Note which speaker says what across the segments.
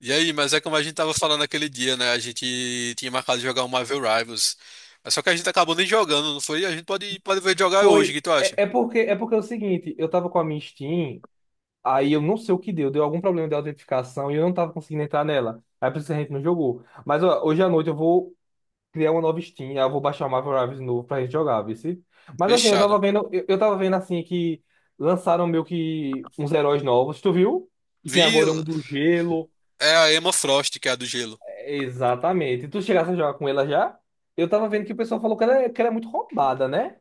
Speaker 1: E aí, mas é como a gente tava falando aquele dia, né? A gente tinha marcado de jogar um Marvel Rivals. Mas só que a gente acabou nem jogando, não foi? A gente pode ver jogar hoje, o
Speaker 2: Foi.
Speaker 1: que tu acha?
Speaker 2: É porque é o seguinte, eu tava com a minha Steam, aí eu não sei o que deu algum problema de autenticação e eu não tava conseguindo entrar nela. Aí por isso que a gente não jogou. Mas ó, hoje à noite eu vou criar uma nova Steam, aí eu vou baixar o Marvel Rivals de novo pra gente jogar, viu? Mas assim, eu
Speaker 1: Fechado.
Speaker 2: tava vendo, eu, eu tava vendo assim que lançaram meio que uns heróis novos, tu viu? Que tem
Speaker 1: Vi,
Speaker 2: agora um do gelo.
Speaker 1: é a Emma Frost, que é a do gelo.
Speaker 2: É, exatamente. Tu chegasse a jogar com ela já? Eu tava vendo que o pessoal falou que ela, que ela é muito roubada, né?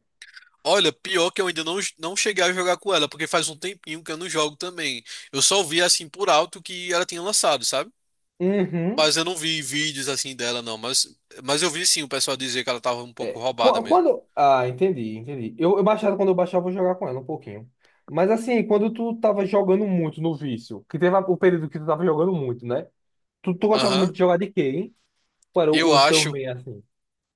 Speaker 1: Olha, pior que eu ainda não cheguei a jogar com ela, porque faz um tempinho que eu não jogo também. Eu só vi assim por alto que ela tinha lançado, sabe?
Speaker 2: Uhum.
Speaker 1: Mas eu não vi vídeos assim dela, não. Mas eu vi sim o pessoal dizer que ela tava um pouco roubada mesmo.
Speaker 2: Quando. Ah, entendi, entendi. Eu baixava, quando eu baixava, eu vou jogar com ela um pouquinho. Mas assim, quando tu tava jogando muito no vício, que teve o período que tu tava jogando muito, né? Tu gostava
Speaker 1: Aham.
Speaker 2: muito de jogar de quê, hein? Qual era o
Speaker 1: Eu
Speaker 2: uso teu
Speaker 1: acho.
Speaker 2: meio assim?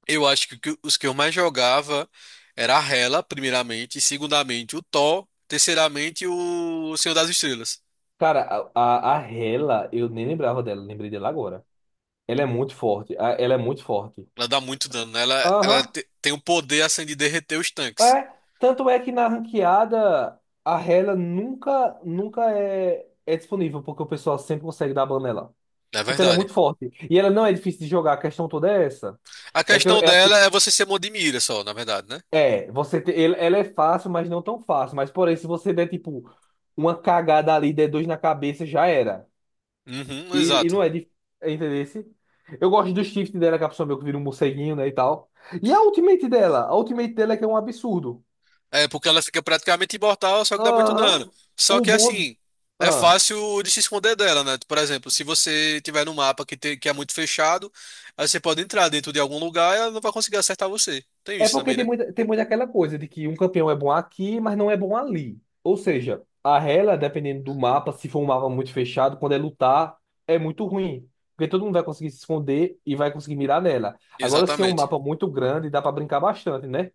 Speaker 1: Eu acho que os que eu mais jogava era a Hela, primeiramente, e segundamente o Thor, terceiramente o Senhor das Estrelas.
Speaker 2: Cara, a Hela, eu nem lembrava dela, lembrei dela agora. Ela é muito forte, ela é muito forte.
Speaker 1: Ela dá muito dano, né? Ela,
Speaker 2: Aham,
Speaker 1: tem o poder assim de derreter os tanques,
Speaker 2: é. Tanto é que na ranqueada, a Hela nunca, nunca é disponível, porque o pessoal sempre consegue dar ban nela.
Speaker 1: na
Speaker 2: Porque ela é
Speaker 1: verdade.
Speaker 2: muito forte. E ela não é difícil de jogar, a questão toda é essa.
Speaker 1: A
Speaker 2: É que eu-
Speaker 1: questão
Speaker 2: é, que,
Speaker 1: dela é você ser mão de mira só, na verdade, né?
Speaker 2: ela é fácil, mas não tão fácil. Mas porém, se você der tipo uma cagada ali, der dois na cabeça, já era.
Speaker 1: Uhum,
Speaker 2: E
Speaker 1: exato.
Speaker 2: não é difícil, entendeu? Eu gosto do shift dela, que a pessoa meio que vira um morceguinho, né, e tal. E a ultimate dela? A ultimate dela é que é um absurdo.
Speaker 1: É, porque ela fica praticamente imortal, só que dá muito dano.
Speaker 2: Aham.
Speaker 1: Só
Speaker 2: O
Speaker 1: que
Speaker 2: bom.
Speaker 1: assim, é
Speaker 2: Ah.
Speaker 1: fácil de se esconder dela, né? Por exemplo, se você tiver num mapa que é muito fechado, aí você pode entrar dentro de algum lugar e ela não vai conseguir acertar você. Tem
Speaker 2: É
Speaker 1: isso
Speaker 2: porque
Speaker 1: também,
Speaker 2: tem
Speaker 1: né?
Speaker 2: muita, tem muita aquela coisa de que um campeão é bom aqui, mas não é bom ali. Ou seja, a Rela, dependendo do mapa, se for um mapa muito fechado, quando é lutar, é muito ruim. Porque todo mundo vai conseguir se esconder e vai conseguir mirar nela. Agora, se é um
Speaker 1: Exatamente.
Speaker 2: mapa muito grande, dá pra brincar bastante, né?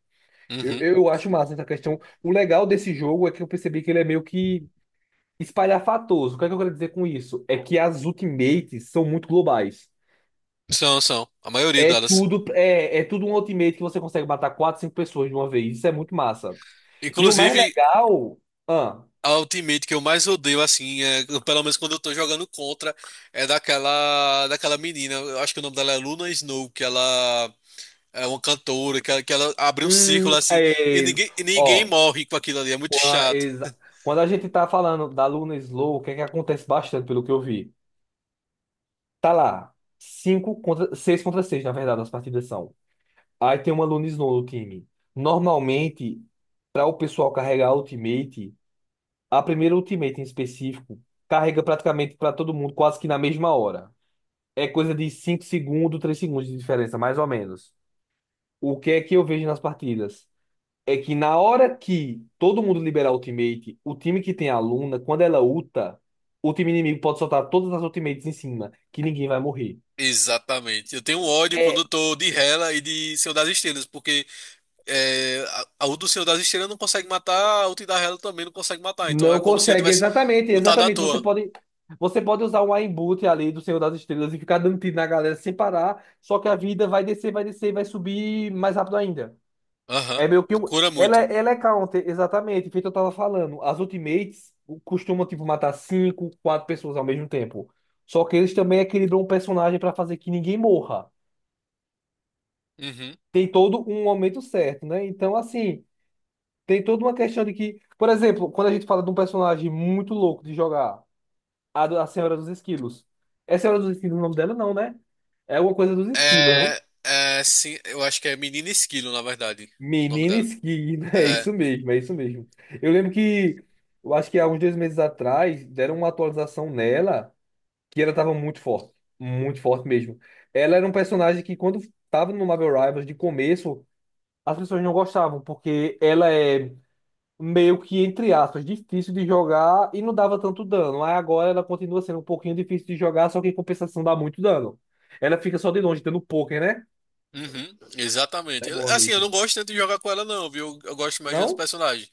Speaker 2: Eu,
Speaker 1: Uhum.
Speaker 2: eu acho massa essa questão. O legal desse jogo é que eu percebi que ele é meio que espalhafatoso. O que é que eu quero dizer com isso? É que as ultimates são muito globais.
Speaker 1: São, são. A maioria
Speaker 2: É
Speaker 1: delas.
Speaker 2: tudo, é, é tudo um ultimate que você consegue matar 4, 5 pessoas de uma vez. Isso é muito massa. E o
Speaker 1: Inclusive,
Speaker 2: mais legal, ah,
Speaker 1: a ultimate que eu mais odeio, assim, é, pelo menos quando eu tô jogando contra, é daquela menina. Eu acho que o nome dela é Luna Snow, que ela é uma cantora, que que ela abre um círculo
Speaker 2: hum,
Speaker 1: assim
Speaker 2: é,
Speaker 1: e ninguém
Speaker 2: ó,
Speaker 1: morre com aquilo ali. É muito
Speaker 2: qua-
Speaker 1: chato.
Speaker 2: exa- quando a gente tá falando da Luna Slow, o que é que acontece bastante, pelo que eu vi? Tá lá, 6 contra 6 na verdade, as partidas são. Aí tem uma Luna Slow no time. Normalmente, para o pessoal carregar a Ultimate, a primeira Ultimate em específico, carrega praticamente para todo mundo quase que na mesma hora. É coisa de 5 segundos, 3 segundos de diferença, mais ou menos. O que é que eu vejo nas partidas? É que na hora que todo mundo liberar ultimate, o time que tem a Luna, quando ela ulta, o time inimigo pode soltar todas as ultimates em cima, que ninguém vai morrer.
Speaker 1: Exatamente. Eu tenho um ódio quando
Speaker 2: É,
Speaker 1: eu tô de Hela e de Senhor das Estrelas, porque é, a o do Senhor das Estrelas não consegue matar, a outra da Hela também não consegue matar. Então
Speaker 2: não
Speaker 1: é como se eu
Speaker 2: consegue,
Speaker 1: tivesse
Speaker 2: exatamente,
Speaker 1: lutado à
Speaker 2: exatamente. Você
Speaker 1: toa.
Speaker 2: pode, você pode usar um aimbot ali do Senhor das Estrelas e ficar dando tiro na galera sem parar, só que a vida vai descer, vai descer, vai subir mais rápido ainda.
Speaker 1: Aham.
Speaker 2: É meio que um.
Speaker 1: Cura
Speaker 2: Ela,
Speaker 1: muito.
Speaker 2: é- ela é counter, exatamente, feito eu tava falando. As ultimates costumam, tipo, matar cinco, quatro pessoas ao mesmo tempo. Só que eles também equilibram o personagem pra fazer que ninguém morra.
Speaker 1: Uhum.
Speaker 2: Tem todo um momento certo, né? Então, assim, tem toda uma questão de que, por exemplo, quando a gente fala de um personagem muito louco de jogar, a Senhora dos Esquilos. É Senhora dos Esquilos o nome dela, não, né? É alguma coisa dos esquilos, né?
Speaker 1: É, é, sim, eu acho que é Menina Esquilo, na verdade, o nome
Speaker 2: Menina
Speaker 1: dela.
Speaker 2: Skig, é
Speaker 1: É.
Speaker 2: isso mesmo, é isso mesmo. Eu lembro que, eu acho que há uns 2 meses atrás, deram uma atualização nela que ela tava muito forte mesmo. Ela era um personagem que, quando tava no Marvel Rivals de começo, as pessoas não gostavam, porque ela é meio que, entre aspas, difícil de jogar e não dava tanto dano. Aí agora ela continua sendo um pouquinho difícil de jogar, só que em compensação dá muito dano. Ela fica só de longe, dando poker, né?
Speaker 1: Uhum, exatamente.
Speaker 2: É boa
Speaker 1: Assim, eu
Speaker 2: mesmo.
Speaker 1: não gosto tanto de jogar com ela, não, viu? Eu gosto mais de outros
Speaker 2: Não?
Speaker 1: personagens.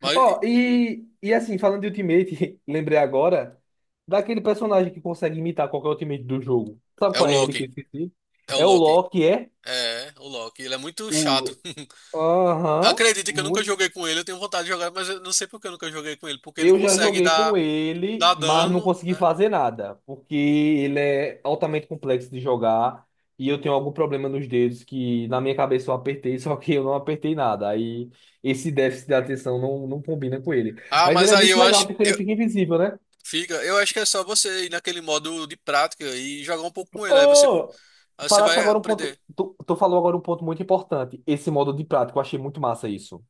Speaker 1: Mas
Speaker 2: Ó, e assim, falando de Ultimate, lembrei agora daquele personagem que consegue imitar qualquer Ultimate do jogo. Sabe
Speaker 1: é o
Speaker 2: qual é ele que eu
Speaker 1: Loki.
Speaker 2: esqueci?
Speaker 1: É o
Speaker 2: É o
Speaker 1: Loki.
Speaker 2: Loki, é?
Speaker 1: É, o Loki. Ele é muito chato.
Speaker 2: O... Aham,
Speaker 1: Acredita que eu nunca
Speaker 2: muito.
Speaker 1: joguei com ele. Eu tenho vontade de jogar, mas eu não sei por que eu nunca joguei com ele. Porque ele
Speaker 2: Eu já
Speaker 1: consegue
Speaker 2: joguei com
Speaker 1: dar,
Speaker 2: ele,
Speaker 1: dar
Speaker 2: mas não
Speaker 1: dano,
Speaker 2: consegui
Speaker 1: né?
Speaker 2: fazer nada, porque ele é altamente complexo de jogar e eu tenho algum problema nos dedos que na minha cabeça eu apertei, só que eu não apertei nada. Aí esse déficit de atenção não combina com ele.
Speaker 1: Ah,
Speaker 2: Mas ele
Speaker 1: mas
Speaker 2: é
Speaker 1: aí
Speaker 2: muito
Speaker 1: eu
Speaker 2: legal
Speaker 1: acho.
Speaker 2: porque ele
Speaker 1: Eu,
Speaker 2: fica invisível, né?
Speaker 1: fica. Eu acho que é só você ir naquele modo de prática e jogar um pouco com ele.
Speaker 2: Oh!
Speaker 1: Aí você
Speaker 2: Falasse
Speaker 1: vai
Speaker 2: agora um ponto.
Speaker 1: aprender.
Speaker 2: Tu falou agora um ponto muito importante. Esse modo de prática. Eu achei muito massa isso.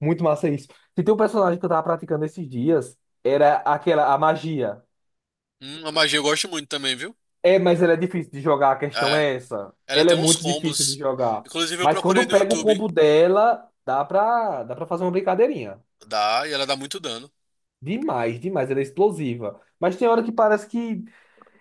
Speaker 2: Muito massa isso. Se tem um personagem que eu tava praticando esses dias, era aquela, a magia.
Speaker 1: A magia eu gosto muito também, viu?
Speaker 2: É, mas ela é difícil de jogar, a questão
Speaker 1: É,
Speaker 2: é essa.
Speaker 1: ela
Speaker 2: Ela
Speaker 1: tem
Speaker 2: é
Speaker 1: uns
Speaker 2: muito difícil de
Speaker 1: combos.
Speaker 2: jogar.
Speaker 1: Inclusive eu
Speaker 2: Mas
Speaker 1: procurei
Speaker 2: quando
Speaker 1: no
Speaker 2: pega o
Speaker 1: YouTube.
Speaker 2: combo dela, dá pra fazer uma brincadeirinha.
Speaker 1: Dá, e ela dá muito dano.
Speaker 2: Demais, demais. Ela é explosiva. Mas tem hora que parece que.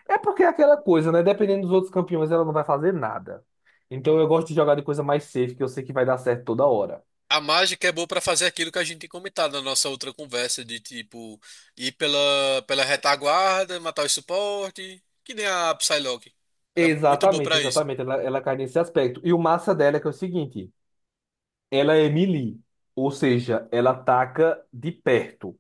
Speaker 2: É porque é aquela coisa, né? Dependendo dos outros campeões, ela não vai fazer nada. Então eu gosto de jogar de coisa mais safe, que eu sei que vai dar certo toda hora.
Speaker 1: A mágica é boa pra fazer aquilo que a gente tem comentado na nossa outra conversa, de tipo, ir pela retaguarda, matar o suporte, que nem a Psylocke. Ela é muito boa
Speaker 2: Exatamente,
Speaker 1: pra isso.
Speaker 2: exatamente. Ela cai nesse aspecto. E o massa dela é que é o seguinte: ela é melee, ou seja, ela ataca de perto.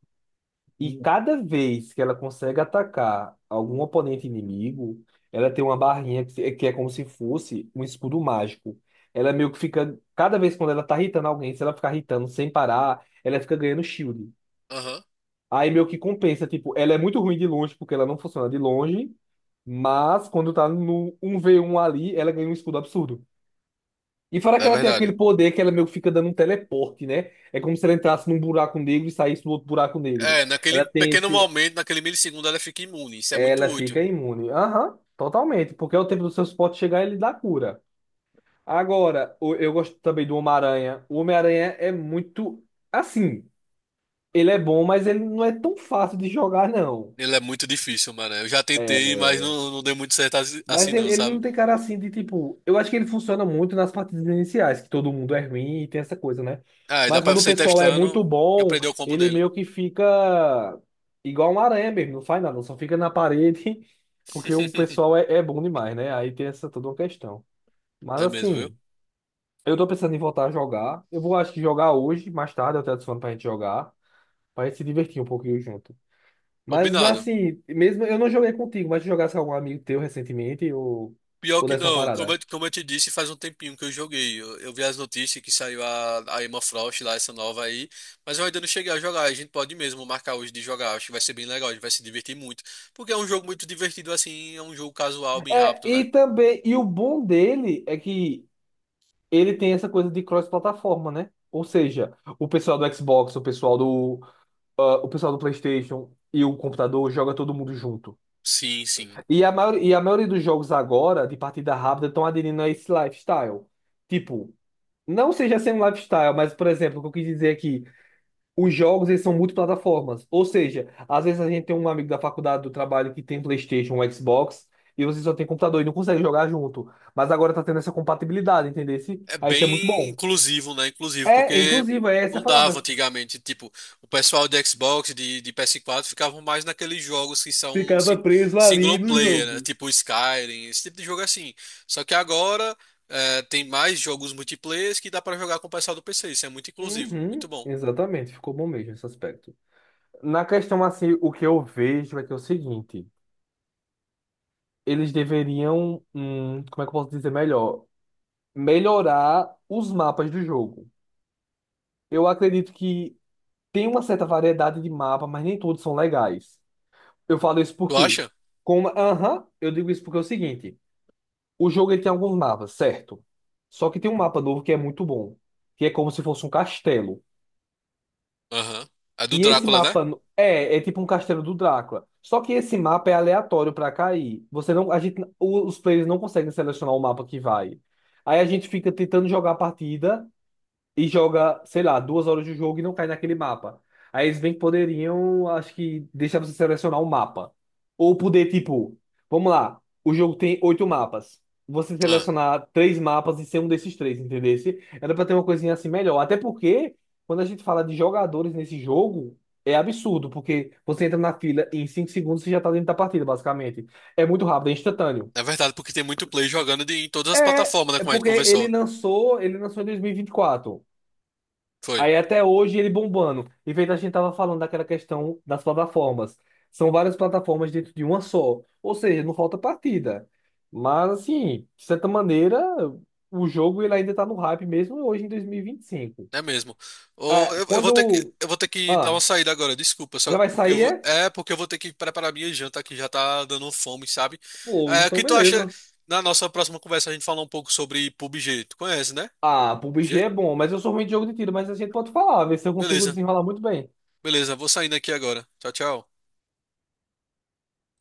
Speaker 2: E cada vez que ela consegue atacar algum oponente inimigo, ela tem uma barrinha que, que é como se fosse um escudo mágico. Ela meio que fica. Cada vez quando ela tá irritando alguém, se ela ficar irritando sem parar, ela fica ganhando shield.
Speaker 1: Aham,
Speaker 2: Aí meio que compensa, tipo, ela é muito ruim de longe porque ela não funciona de longe, mas quando tá no 1v1 ali, ela ganha um escudo absurdo. E fora que
Speaker 1: é
Speaker 2: ela tem aquele
Speaker 1: verdade.
Speaker 2: poder que ela meio que fica dando um teleporte, né? É como se ela entrasse num buraco negro e saísse do outro buraco negro.
Speaker 1: É, naquele
Speaker 2: Ela tem
Speaker 1: pequeno
Speaker 2: esse.
Speaker 1: momento, naquele milissegundo, ela fica imune. Isso é muito
Speaker 2: Ela
Speaker 1: útil.
Speaker 2: fica imune. Aham, totalmente. Porque é o tempo do seu suporte chegar e ele dá cura. Agora, eu gosto também do Homem-Aranha. O Homem-Aranha é muito. Assim, ele é bom, mas ele não é tão fácil de jogar, não.
Speaker 1: Ele é muito difícil, mano. Eu já tentei, mas
Speaker 2: É.
Speaker 1: não deu muito certo
Speaker 2: Mas
Speaker 1: assim não,
Speaker 2: ele não
Speaker 1: sabe?
Speaker 2: tem cara assim de tipo. Eu acho que ele funciona muito nas partidas iniciais, que todo mundo é ruim e tem essa coisa, né?
Speaker 1: Ah, e dá
Speaker 2: Mas
Speaker 1: pra
Speaker 2: quando o
Speaker 1: você ir
Speaker 2: pessoal é
Speaker 1: testando
Speaker 2: muito
Speaker 1: e
Speaker 2: bom,
Speaker 1: aprender o combo
Speaker 2: ele
Speaker 1: dele.
Speaker 2: meio que fica igual um aranha mesmo, não faz nada, só fica na parede, porque o pessoal é, é bom demais, né? Aí tem essa toda uma questão. Mas
Speaker 1: É mesmo, viu?
Speaker 2: assim, eu tô pensando em voltar a jogar. Eu vou, acho que jogar hoje, mais tarde, eu te adiciono pra gente jogar, pra gente se divertir um pouquinho junto. Mas
Speaker 1: Combinado.
Speaker 2: assim, mesmo eu não joguei contigo, mas se jogasse com algum amigo teu recentemente, ou,
Speaker 1: Pior
Speaker 2: ou
Speaker 1: que
Speaker 2: desse uma
Speaker 1: não,
Speaker 2: parada.
Speaker 1: como eu te disse, faz um tempinho que eu joguei. Eu vi as notícias que saiu a Emma Frost lá, essa nova aí, mas eu ainda não cheguei a jogar. A gente pode mesmo marcar hoje de jogar, acho que vai ser bem legal, a gente vai se divertir muito. Porque é um jogo muito divertido assim, é um jogo casual, bem
Speaker 2: É,
Speaker 1: rápido,
Speaker 2: e
Speaker 1: né?
Speaker 2: também, e o bom dele é que ele tem essa coisa de cross-plataforma, né? Ou seja, o pessoal do Xbox, o pessoal do PlayStation e o computador joga todo mundo junto.
Speaker 1: Sim, sim.
Speaker 2: E a maioria dos jogos agora, de partida rápida, estão aderindo a esse lifestyle. Tipo, não seja sem um lifestyle, mas, por exemplo, o que eu quis dizer aqui, os jogos eles são multiplataformas. Ou seja, às vezes a gente tem um amigo da faculdade do trabalho que tem PlayStation, um Xbox, e você só tem computador e não consegue jogar junto. Mas agora tá tendo essa compatibilidade, entendeu?
Speaker 1: É
Speaker 2: Aí isso é muito
Speaker 1: bem
Speaker 2: bom.
Speaker 1: inclusivo, né? Inclusivo,
Speaker 2: É,
Speaker 1: porque
Speaker 2: inclusive, é essa a
Speaker 1: não dava
Speaker 2: palavra.
Speaker 1: antigamente. Tipo, o pessoal de Xbox, de PS4 ficavam mais naqueles jogos que são
Speaker 2: Ficava preso ali
Speaker 1: single
Speaker 2: no
Speaker 1: player, né?
Speaker 2: jogo.
Speaker 1: Tipo Skyrim, esse tipo de jogo assim. Só que agora é, tem mais jogos multiplayer que dá pra jogar com o pessoal do PC. Isso é muito inclusivo.
Speaker 2: Uhum,
Speaker 1: Muito bom.
Speaker 2: exatamente, ficou bom mesmo esse aspecto. Na questão assim, o que eu vejo é que é o seguinte, eles deveriam, como é que eu posso dizer melhor? Melhorar os mapas do jogo. Eu acredito que tem uma certa variedade de mapa, mas nem todos são legais. Eu falo isso
Speaker 1: Tu
Speaker 2: porque
Speaker 1: acha?
Speaker 2: Como, aham, eu digo isso porque é o seguinte: o jogo ele tem alguns mapas, certo? Só que tem um mapa novo que é muito bom, que é como se fosse um castelo.
Speaker 1: Aham. É do
Speaker 2: E esse
Speaker 1: Drácula, né?
Speaker 2: mapa é tipo um castelo do Drácula. Só que esse mapa é aleatório para cair. Você não, a gente, os players não conseguem selecionar o mapa que vai. Aí a gente fica tentando jogar a partida e joga, sei lá, 2 horas de jogo e não cai naquele mapa. Aí eles bem que poderiam, acho que, deixar você selecionar um mapa. Ou poder, tipo, vamos lá, o jogo tem oito mapas. Você
Speaker 1: Ah,
Speaker 2: selecionar três mapas e ser um desses três, entendesse? Era pra ter uma coisinha assim melhor. Até porque, quando a gente fala de jogadores nesse jogo, é absurdo, porque você entra na fila e em 5 segundos você já tá dentro da partida, basicamente. É muito rápido, é instantâneo.
Speaker 1: é verdade, porque tem muito play jogando de, em todas as
Speaker 2: É,
Speaker 1: plataformas, né?
Speaker 2: é
Speaker 1: Como a gente
Speaker 2: porque ele
Speaker 1: conversou.
Speaker 2: lançou, ele lançou em dois mil e vinte e quatro.
Speaker 1: Foi.
Speaker 2: Aí até hoje ele bombando. E feito a gente tava falando daquela questão das plataformas. São várias plataformas dentro de uma só. Ou seja, não falta partida. Mas assim, de certa maneira, o jogo ele ainda tá no hype mesmo hoje em 2025.
Speaker 1: É mesmo. Ô,
Speaker 2: Ah,
Speaker 1: eu, eu vou ter que dar uma
Speaker 2: ah,
Speaker 1: saída agora, desculpa,
Speaker 2: já
Speaker 1: só
Speaker 2: vai
Speaker 1: porque eu
Speaker 2: sair,
Speaker 1: vou, é porque eu vou ter que preparar minha janta que já tá dando fome, sabe?
Speaker 2: pô,
Speaker 1: É, o
Speaker 2: então
Speaker 1: que tu acha
Speaker 2: beleza.
Speaker 1: na nossa próxima conversa a gente falar um pouco sobre PUBG? Tu conhece, né?
Speaker 2: Ah, PUBG
Speaker 1: PUBG?
Speaker 2: é bom, mas eu sou ruim de jogo de tiro, mas a gente pode falar, ver se eu consigo
Speaker 1: Beleza.
Speaker 2: desenrolar muito bem.
Speaker 1: Beleza, vou saindo aqui agora. Tchau, tchau.